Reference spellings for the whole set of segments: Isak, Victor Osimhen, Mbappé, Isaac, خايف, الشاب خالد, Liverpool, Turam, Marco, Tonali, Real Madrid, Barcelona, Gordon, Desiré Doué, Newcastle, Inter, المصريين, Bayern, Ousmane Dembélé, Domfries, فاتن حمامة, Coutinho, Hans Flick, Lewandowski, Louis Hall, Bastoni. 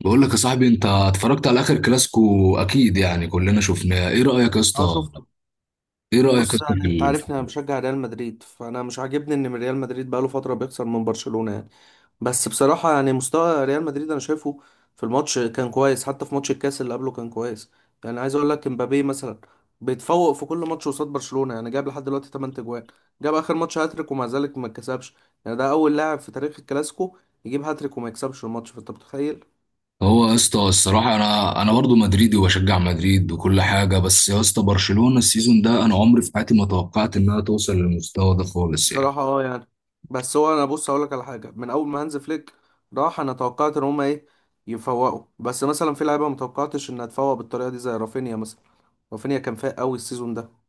بقول لك يا صاحبي، انت اتفرجت على اخر كلاسيكو اكيد، يعني كلنا شفناه. ايه رايك يا اسطى؟ اه شفته. ايه رايك يا بص، اسطى يعني في انت عارفني، انا بشجع ريال مدريد، فانا مش عاجبني ان ريال مدريد بقاله فتره بيخسر من برشلونه يعني. بس بصراحه يعني مستوى ريال مدريد انا شايفه في الماتش كان كويس، حتى في ماتش الكاس اللي قبله كان كويس. يعني عايز اقول لك امبابي مثلا بيتفوق في كل ماتش قصاد برشلونه، يعني جاب لحد دلوقتي 8 اجوان. جاب اخر ماتش هاتريك ومع ذلك ما اتكسبش. يعني ده اول لاعب في تاريخ الكلاسيكو يجيب هاتريك وما يكسبش الماتش، فانت متخيل. هو يا اسطى الصراحه انا برضو مدريدي وبشجع مدريد وكل حاجه، بس يا اسطى برشلونه السيزون ده انا عمري في حياتي ما توقعت انها توصل للمستوى ده خالص يعني. بصراحة اه يعني. بس هو انا بص اقول لك على حاجة، من اول ما هانز فليك راح انا توقعت ان هما ايه، يفوقوا، بس مثلا في لعيبة ما توقعتش انها تفوق بالطريقة دي زي رافينيا مثلا. رافينيا كان فايق قوي السيزون ده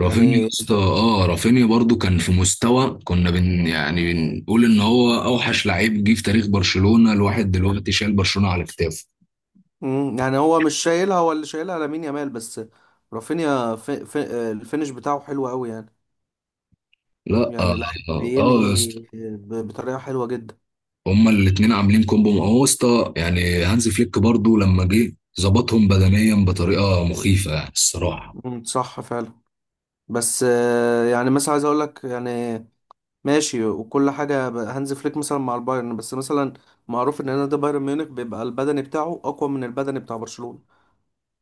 رافينيا يا يعني. اسطى، اه، رافينيا برضو كان في مستوى كنا بن يعني بنقول ان هو اوحش لعيب جه في تاريخ برشلونه. الواحد دلوقتي شايل برشلونه على كتافه. مم، يعني هو مش شايلها، هو اللي شايلها لامين يامال بس. رافينيا في الفينش بتاعه حلو قوي يعني. لا اه، يعني لعيب آه آه، يا بينهي اسطى بطريقة حلوة جدا. هما الاتنين عاملين كومبو. ما هو اسطى يعني هانز فليك برضو لما جه ظبطهم بدنيا بطريقه مخيفه يعني الصراحه. مم، صح فعلا. بس يعني مثلا عايز اقول لك يعني ماشي وكل حاجة هانز فليك مثلا مع البايرن، بس مثلا معروف ان نادي بايرن ميونخ بيبقى البدني بتاعه اقوى من البدني بتاع برشلونة.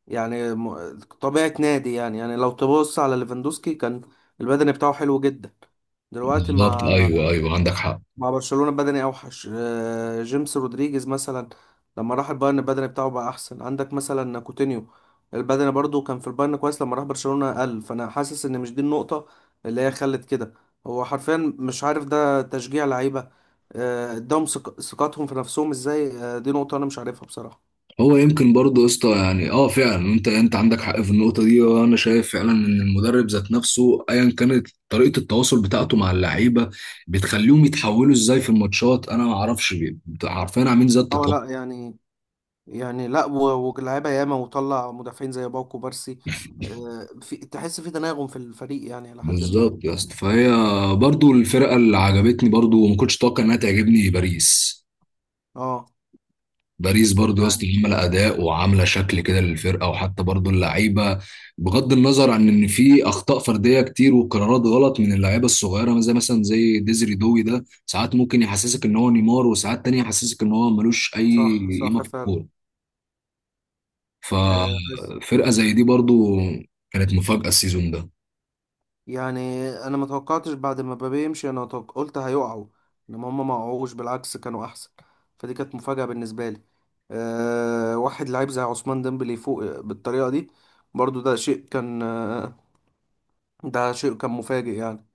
يعني طبيعة نادي، يعني يعني لو تبص على ليفاندوسكي كان البدني بتاعه حلو جدا، دلوقتي بالظبط، مع ايوه ايوه، عندك حق. برشلونة بدني اوحش. جيمس رودريجيز مثلا لما راح البايرن البدني بتاعه بقى احسن. عندك مثلا كوتينيو البدني برضو كان في البايرن كويس، لما راح برشلونة قل. فانا حاسس ان مش دي النقطة اللي هي خلت كده. هو حرفيا مش عارف ده تشجيع لعيبة، اداهم ثقتهم في نفسهم ازاي. دي نقطة انا مش عارفها بصراحة. هو يمكن برضو يا اسطى يعني اه فعلا انت عندك حق في النقطه دي، وانا شايف فعلا ان المدرب ذات نفسه ايا كانت طريقه التواصل بتاعته مع اللعيبه بتخليهم يتحولوا ازاي في الماتشات. انا ما اعرفش عارفين عاملين زي اه التطور. لا يعني. يعني لا، واللعيبة ياما، وطلع مدافعين زي باوكو بارسي. في تحس، في تناغم في الفريق يعني لحد ما. بالظبط يا اسطى. فهي برضو الفرقه اللي عجبتني، برضو وما كنتش اتوقع انها تعجبني، باريس. اه باريس برضو يا اسطى عامله اداء وعامله شكل كده للفرقه، وحتى برضو اللعيبه، بغض النظر عن ان في اخطاء فرديه كتير وقرارات غلط من اللعيبه الصغيره، زي مثلا زي ديزري دوي ده، ساعات ممكن يحسسك ان هو نيمار وساعات تانية يحسسك ان هو ملوش اي صح قيمه صح في فعلا. الكوره. آه، عايز- ففرقه زي دي برضو كانت مفاجاه السيزون ده. يعني انا ما توقعتش بعد ما مبابي يمشي. انا قلت هيقعوا، انما هم ما وقعوش، بالعكس كانوا احسن. فدي كانت مفاجأة بالنسبة لي. أه، واحد لعيب زي عثمان ديمبلي يفوق بالطريقة دي، برضو ده شيء كان، ده شيء كان مفاجئ يعني.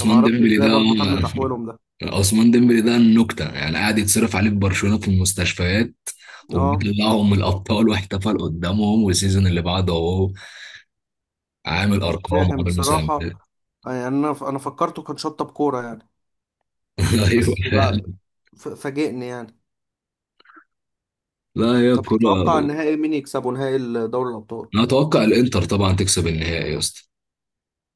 فما اعرفش ديمبلي ازاي ده برضو تم تحويلهم ده. عثمان ديمبلي ده النكتة، يعني قاعد يتصرف عليه في برشلونة في المستشفيات اه وبيطلعهم من الأبطال، واحتفل قدامهم، والسيزون اللي بعده أهو عامل مش أرقام فاهم وعامل مساهمات. بصراحة. يعني انا انا فكرته كان شطة بكورة يعني. أيوه بس فعلا. لا، فاجئني يعني. لا هي طب الكورة. تتوقع النهائي مين يكسبه؟ نهائي دوري الابطال؟ أنا أتوقع الإنتر طبعا تكسب النهائي يا اسطى.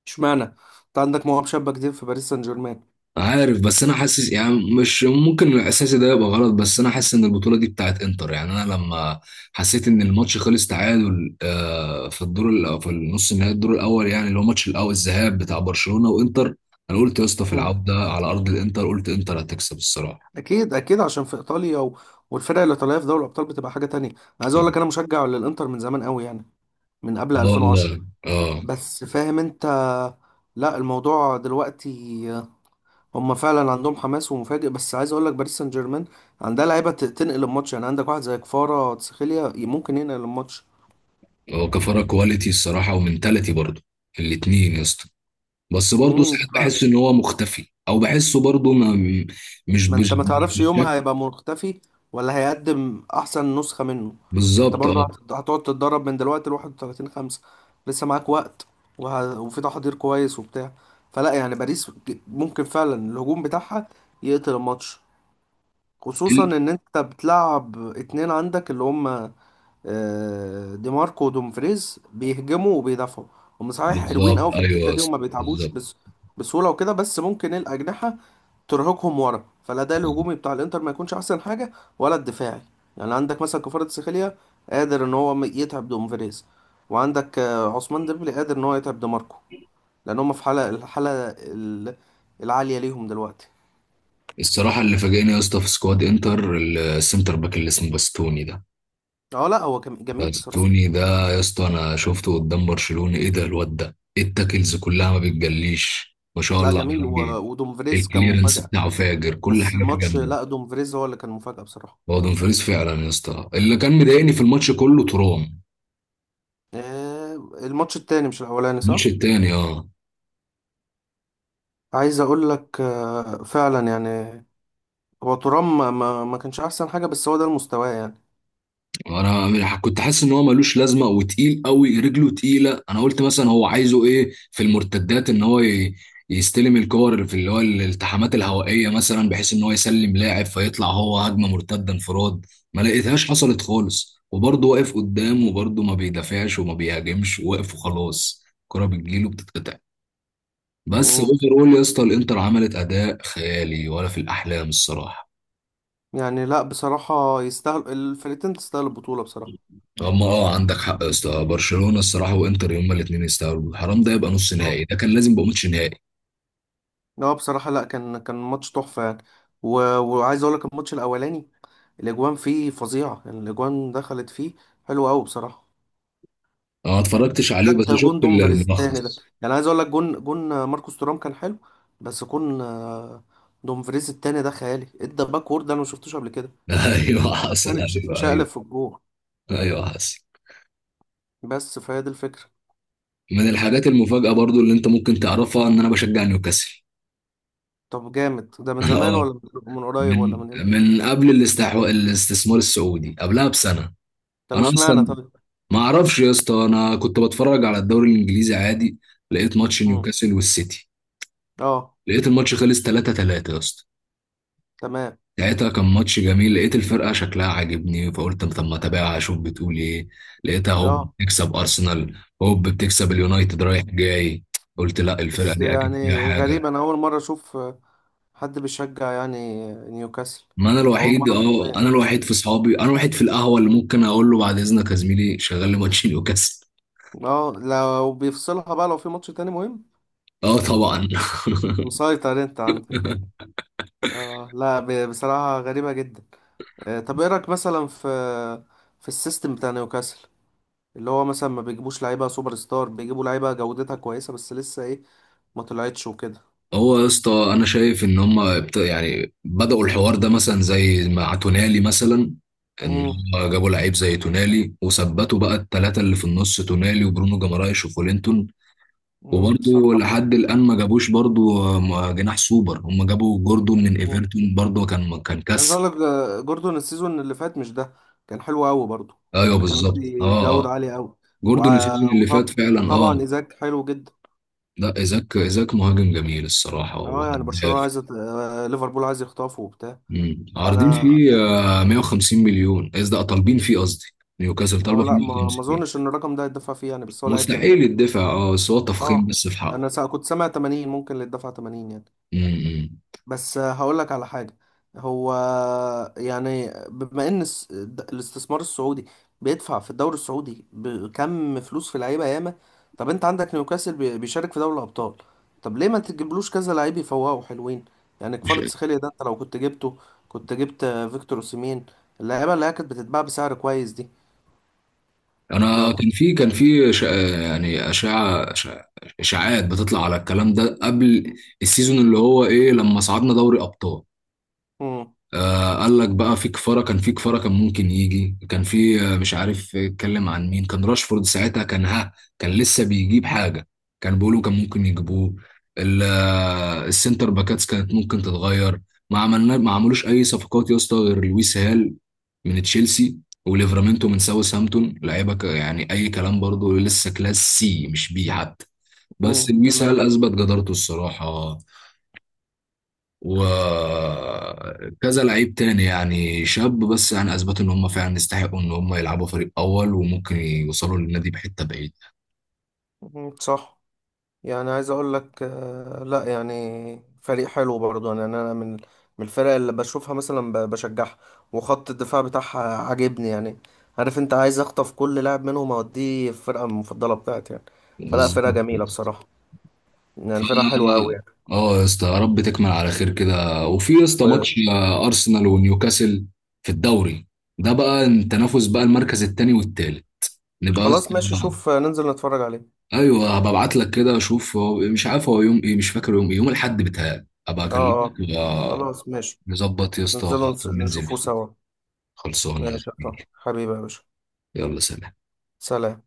اشمعنى؟ انت عندك مواهب شابه كتير في باريس سان جيرمان. عارف، بس انا حاسس، يعني مش ممكن الاحساس ده يبقى غلط، بس انا حاسس ان البطوله دي بتاعت انتر. يعني انا لما حسيت ان الماتش خلص تعادل، آه، في في النص النهائي الدور الاول، يعني اللي هو ماتش الاول الذهاب بتاع برشلونه وانتر، انا قلت يا اسطى في مم. العوده على ارض الانتر، قلت انتر هتكسب الصراحه. اكيد اكيد، عشان في ايطاليا والفرق الايطاليه في دوري الابطال بتبقى حاجه تانية. انا عايز اقول لك انا مشجع للانتر من زمان قوي يعني، من قبل لا 2010. والله اه. بس فاهم انت. لا الموضوع دلوقتي هم فعلا عندهم حماس ومفاجئ، بس عايز اقول لك باريس سان جيرمان عندها لعيبه تنقل الماتش، يعني عندك واحد زي كفارة تسخيليا ممكن ينقل الماتش. هو كفاره كواليتي الصراحه ومنتاليتي برضه، الاتنين يا اسطى. بس برضه امم ساعات بحس ان هو مختفي، او بحسه برضه ما انت مش ما تعرفش يومها بالشكل. هيبقى مختفي ولا هيقدم احسن نسخة منه. انت بالظبط اه. برضه هتقعد تتدرب من دلوقتي ل 31/5. لسه معاك وقت وفي تحضير كويس وبتاع. فلا يعني باريس ممكن فعلا الهجوم بتاعها يقتل الماتش، خصوصا ان انت بتلعب اتنين عندك اللي هم دي ماركو ودومفريز، بيهجموا وبيدافعوا. هم صحيح حلوين بالظبط، قوي في ايوه الحتة يا دي وما اسطى، بيتعبوش، بالظبط. بس بسهولة وكده، بس ممكن الأجنحة ترهقهم ورا. فالاداء بالظبط. الهجومي بتاع الانتر ما يكونش احسن حاجه، ولا الدفاعي. يعني عندك مثلا كفارة سخاليا قادر ان هو يتعب دومفريز، وعندك عثمان ديمبلي قادر ان هو يتعب ديماركو، لان هم في حاله، الحاله العاليه ليهم دلوقتي. الصراحه اللي فاجئني يا اسطى في سكواد انتر السنتر باك اللي اسمه باستوني ده. اه لا، هو كان جميل بصراحه. باستوني ده يا اسطى انا شفته قدام برشلونه، ايه ده الواد ده؟ إيه التاكلز كلها ما بتجليش، ما شاء لا الله جميل، عليه. ودومفريز كان الكليرنس مفاجاه. بتاعه فاجر، كل بس حاجه فيه الماتش، جامده. لا دومفريز هو اللي كان مفاجاه بصراحه. هو دومفريز فعلا يا اسطى اللي كان مضايقني في الماتش كله، ترام. الماتش التاني مش الاولاني، الماتش صح. التاني اه. عايز اقول لك فعلا يعني هو ترام ما كانش احسن حاجه، بس هو ده المستوى يعني. كنت حاسس ان هو ملوش لازمه، وتقيل قوي، رجله تقيله. انا قلت مثلا هو عايزه ايه في المرتدات، ان يستلم الكور في اللي هو الالتحامات الهوائيه مثلا، بحيث ان هو يسلم لاعب فيطلع هو هجمه مرتده انفراد. ما لقيتهاش حصلت خالص، وبرضه واقف قدام، وبرضه ما بيدافعش وما بيهاجمش، واقف وخلاص، الكره بتجيله بتتقطع. بس مم. اوفر اول يا اسطى الانتر عملت اداء خيالي، ولا في الاحلام الصراحه. يعني لا، بصراحة يستاهل، الفرقتين تستاهل البطولة بصراحة. هم اه عندك حق يا اسطى، برشلونه الصراحه وانتر هما الاثنين يستاهلوا. حرام ده يبقى نص اه نهائي، ده كان لازم يبقى ماتش نهائي. لا بصراحة، لا كان كان ماتش تحفة يعني. و... وعايز اقول لك الماتش الاولاني الاجوان فيه فظيعة. يعني الاجوان دخلت فيه حلوة قوي بصراحة. انا ما اتفرجتش لا عليه، بس ده جون شفت دومفريز التاني ده. الملخص. يعني عايز اقول لك جون، جون ماركوس تورام كان حلو، بس جون دومفريز التاني ده خيالي. ادى باك وورد انا ما شفتوش قبل كده، ايوه حصل، عشان ايوه ايوه. اتشقلب في الجون. ايوه حصل. بس فهي دي الفكرة. من الحاجات المفاجاه برضو اللي انت ممكن تعرفها ان انا بشجع نيوكاسل. طب جامد ده من انا زمان اه، ولا من قريب ولا من من امتى؟ من قبل الاستحواء الاستثمار السعودي، قبلها بسنه. طب انا اشمعنى اصلا طيب. ما اعرفش يا اسطى، انا كنت بتفرج على الدوري الانجليزي عادي، لقيت ماتش نيوكاسل والسيتي، اه لقيت الماتش خلص 3 3 يا اسطى. تمام ساعتها كان ماتش جميل، لقيت الفرقة شكلها عاجبني، فقلت طب ما اتابعها اشوف بتقول ايه. لقيتها هوب اه. بتكسب ارسنال، هوب بتكسب اليونايتد رايح جاي. قلت لا، الفرقة بس دي اكيد فيها يعني حاجة. غريب، انا اول مره اشوف حد بيشجع يعني نيوكاسل. ما انا اول الوحيد، مره اه حرفيا. انا الوحيد في صحابي، انا الوحيد في القهوة اللي ممكن اقول له بعد اذنك يا زميلي شغل لي ماتش نيوكاسل. اه لو بيفصلها بقى، لو في ماتش تاني مهم. اه طبعا. مسيطر انت عندك يعني. اه لا بصراحه غريبه جدا. طب ايه رايك مثلا في السيستم بتاع نيوكاسل؟ اللي هو مثلا ما بيجيبوش لعيبه سوبر ستار، بيجيبوا لعيبه جودتها كويسه بس لسه ايه ما طلعتش وكده. هو يا اسطى انا شايف ان هم يعني بدأوا الحوار ده، مثلا زي مع تونالي مثلا، ان امم هم جابوا لعيب زي تونالي وثبتوا بقى الثلاثه اللي في النص، تونالي وبرونو جمارايش وفولينتون. وبرضه صح. لحد الان ما جابوش برضه جناح سوبر. هم جابوا جوردون من ايفرتون، برضه كان عايز اقول كسر. لك ده جوردون السيزون اللي فات مش ده كان حلو قوي برضه ايوه يعني، كان بالظبط، مدي اه جوده اه. عاليه قوي. جوردون السيزون اللي فات وطبعا فعلا اه. وطبعا ايزاك حلو جدا. لا ايزاك، ايزاك مهاجم جميل الصراحه اه يعني برشلونه وهداف. عايزه ليفربول عايز يخطفه وبتاع. مم. عارضين فانا فيه آه، 150 مليون، قصدي آه، طالبين فيه، قصدي نيوكاسل اه طالبه فيه لا ما 150. اظنش ان الرقم ده يتدفع فيه يعني، بس هو لعيب جميل. مستحيل يدفع اه، بس هو تفخيم اه بس في حقه. انا كنت سامع 80 ممكن، اللي يتدفع 80 يعني. مم. بس هقول لك على حاجة. هو يعني بما ان الاستثمار السعودي بيدفع في الدوري السعودي بكم فلوس في لعيبة ياما. طب انت عندك نيوكاسل بيشارك في دوري الابطال، طب ليه ما تجيبلوش كذا لعيب يفوقوا حلوين؟ يعني مش كفارة سخيليا ده انت لو كنت جبته، كنت جبت فيكتور اوسيمين، اللعيبة اللي هي كانت بتتباع بسعر كويس دي. ما انا، كنت. يعني اشاعات بتطلع على الكلام ده قبل السيزون، اللي هو ايه، لما صعدنا دوري ابطال. امم آه، قال لك بقى في كفارة، كان في كفارة كان ممكن يجي، كان في آه، مش عارف اتكلم عن مين، كان راشفورد ساعتها كان ها، كان لسه بيجيب حاجة، كان بيقولوا كان ممكن يجيبوه. السنتر باكاتس كانت ممكن تتغير. ما عملوش أي صفقات يا اسطى غير لويس هال من تشيلسي، وليفرامينتو من ساوثهامبتون، يعني أي كلام، برضه لسه كلاس سي مش بي حتى. بس لويس هال تمام. أثبت جدارته الصراحة، وكذا لعيب تاني يعني شاب، بس يعني اثبتوا ان هم فعلا يستحقوا ان هم يلعبوا فريق اول، وممكن يوصلوا للنادي بحته بعيد. مم، صح. يعني عايز اقول لك لا يعني فريق حلو برضه. يعني انا من الفرق اللي بشوفها مثلا بشجعها. وخط الدفاع بتاعها عاجبني يعني. عارف انت عايز اخطف كل لاعب منهم، اوديه الفرقه المفضله بتاعتي يعني. فلا فرقه جميله بصراحه يعني. فرقه ف- حلوه قوي يعني. اه يا اسطى، يا رب تكمل على خير كده. وفي يا اسطى و- ماتش آه، ارسنال ونيوكاسل في الدوري، ده بقى التنافس بقى المركز التاني والتالت. نبقى يا خلاص اسطى. ماشي، شوف ننزل نتفرج عليه. ايوه هبعت لك كده، اشوف مش عارف هو يوم ايه، مش فاكر يوم ايه، يوم الاحد بتاعي ابقى اه اه. اكلمك آه، خلاص ماشي. نظبط يا اسطى ننزل وقت وننزل نشوفه فيه. سوا. خلصانة يا ماشي يا طه. زميلي. حبيبي يا باشا. يلا سلام. سلام.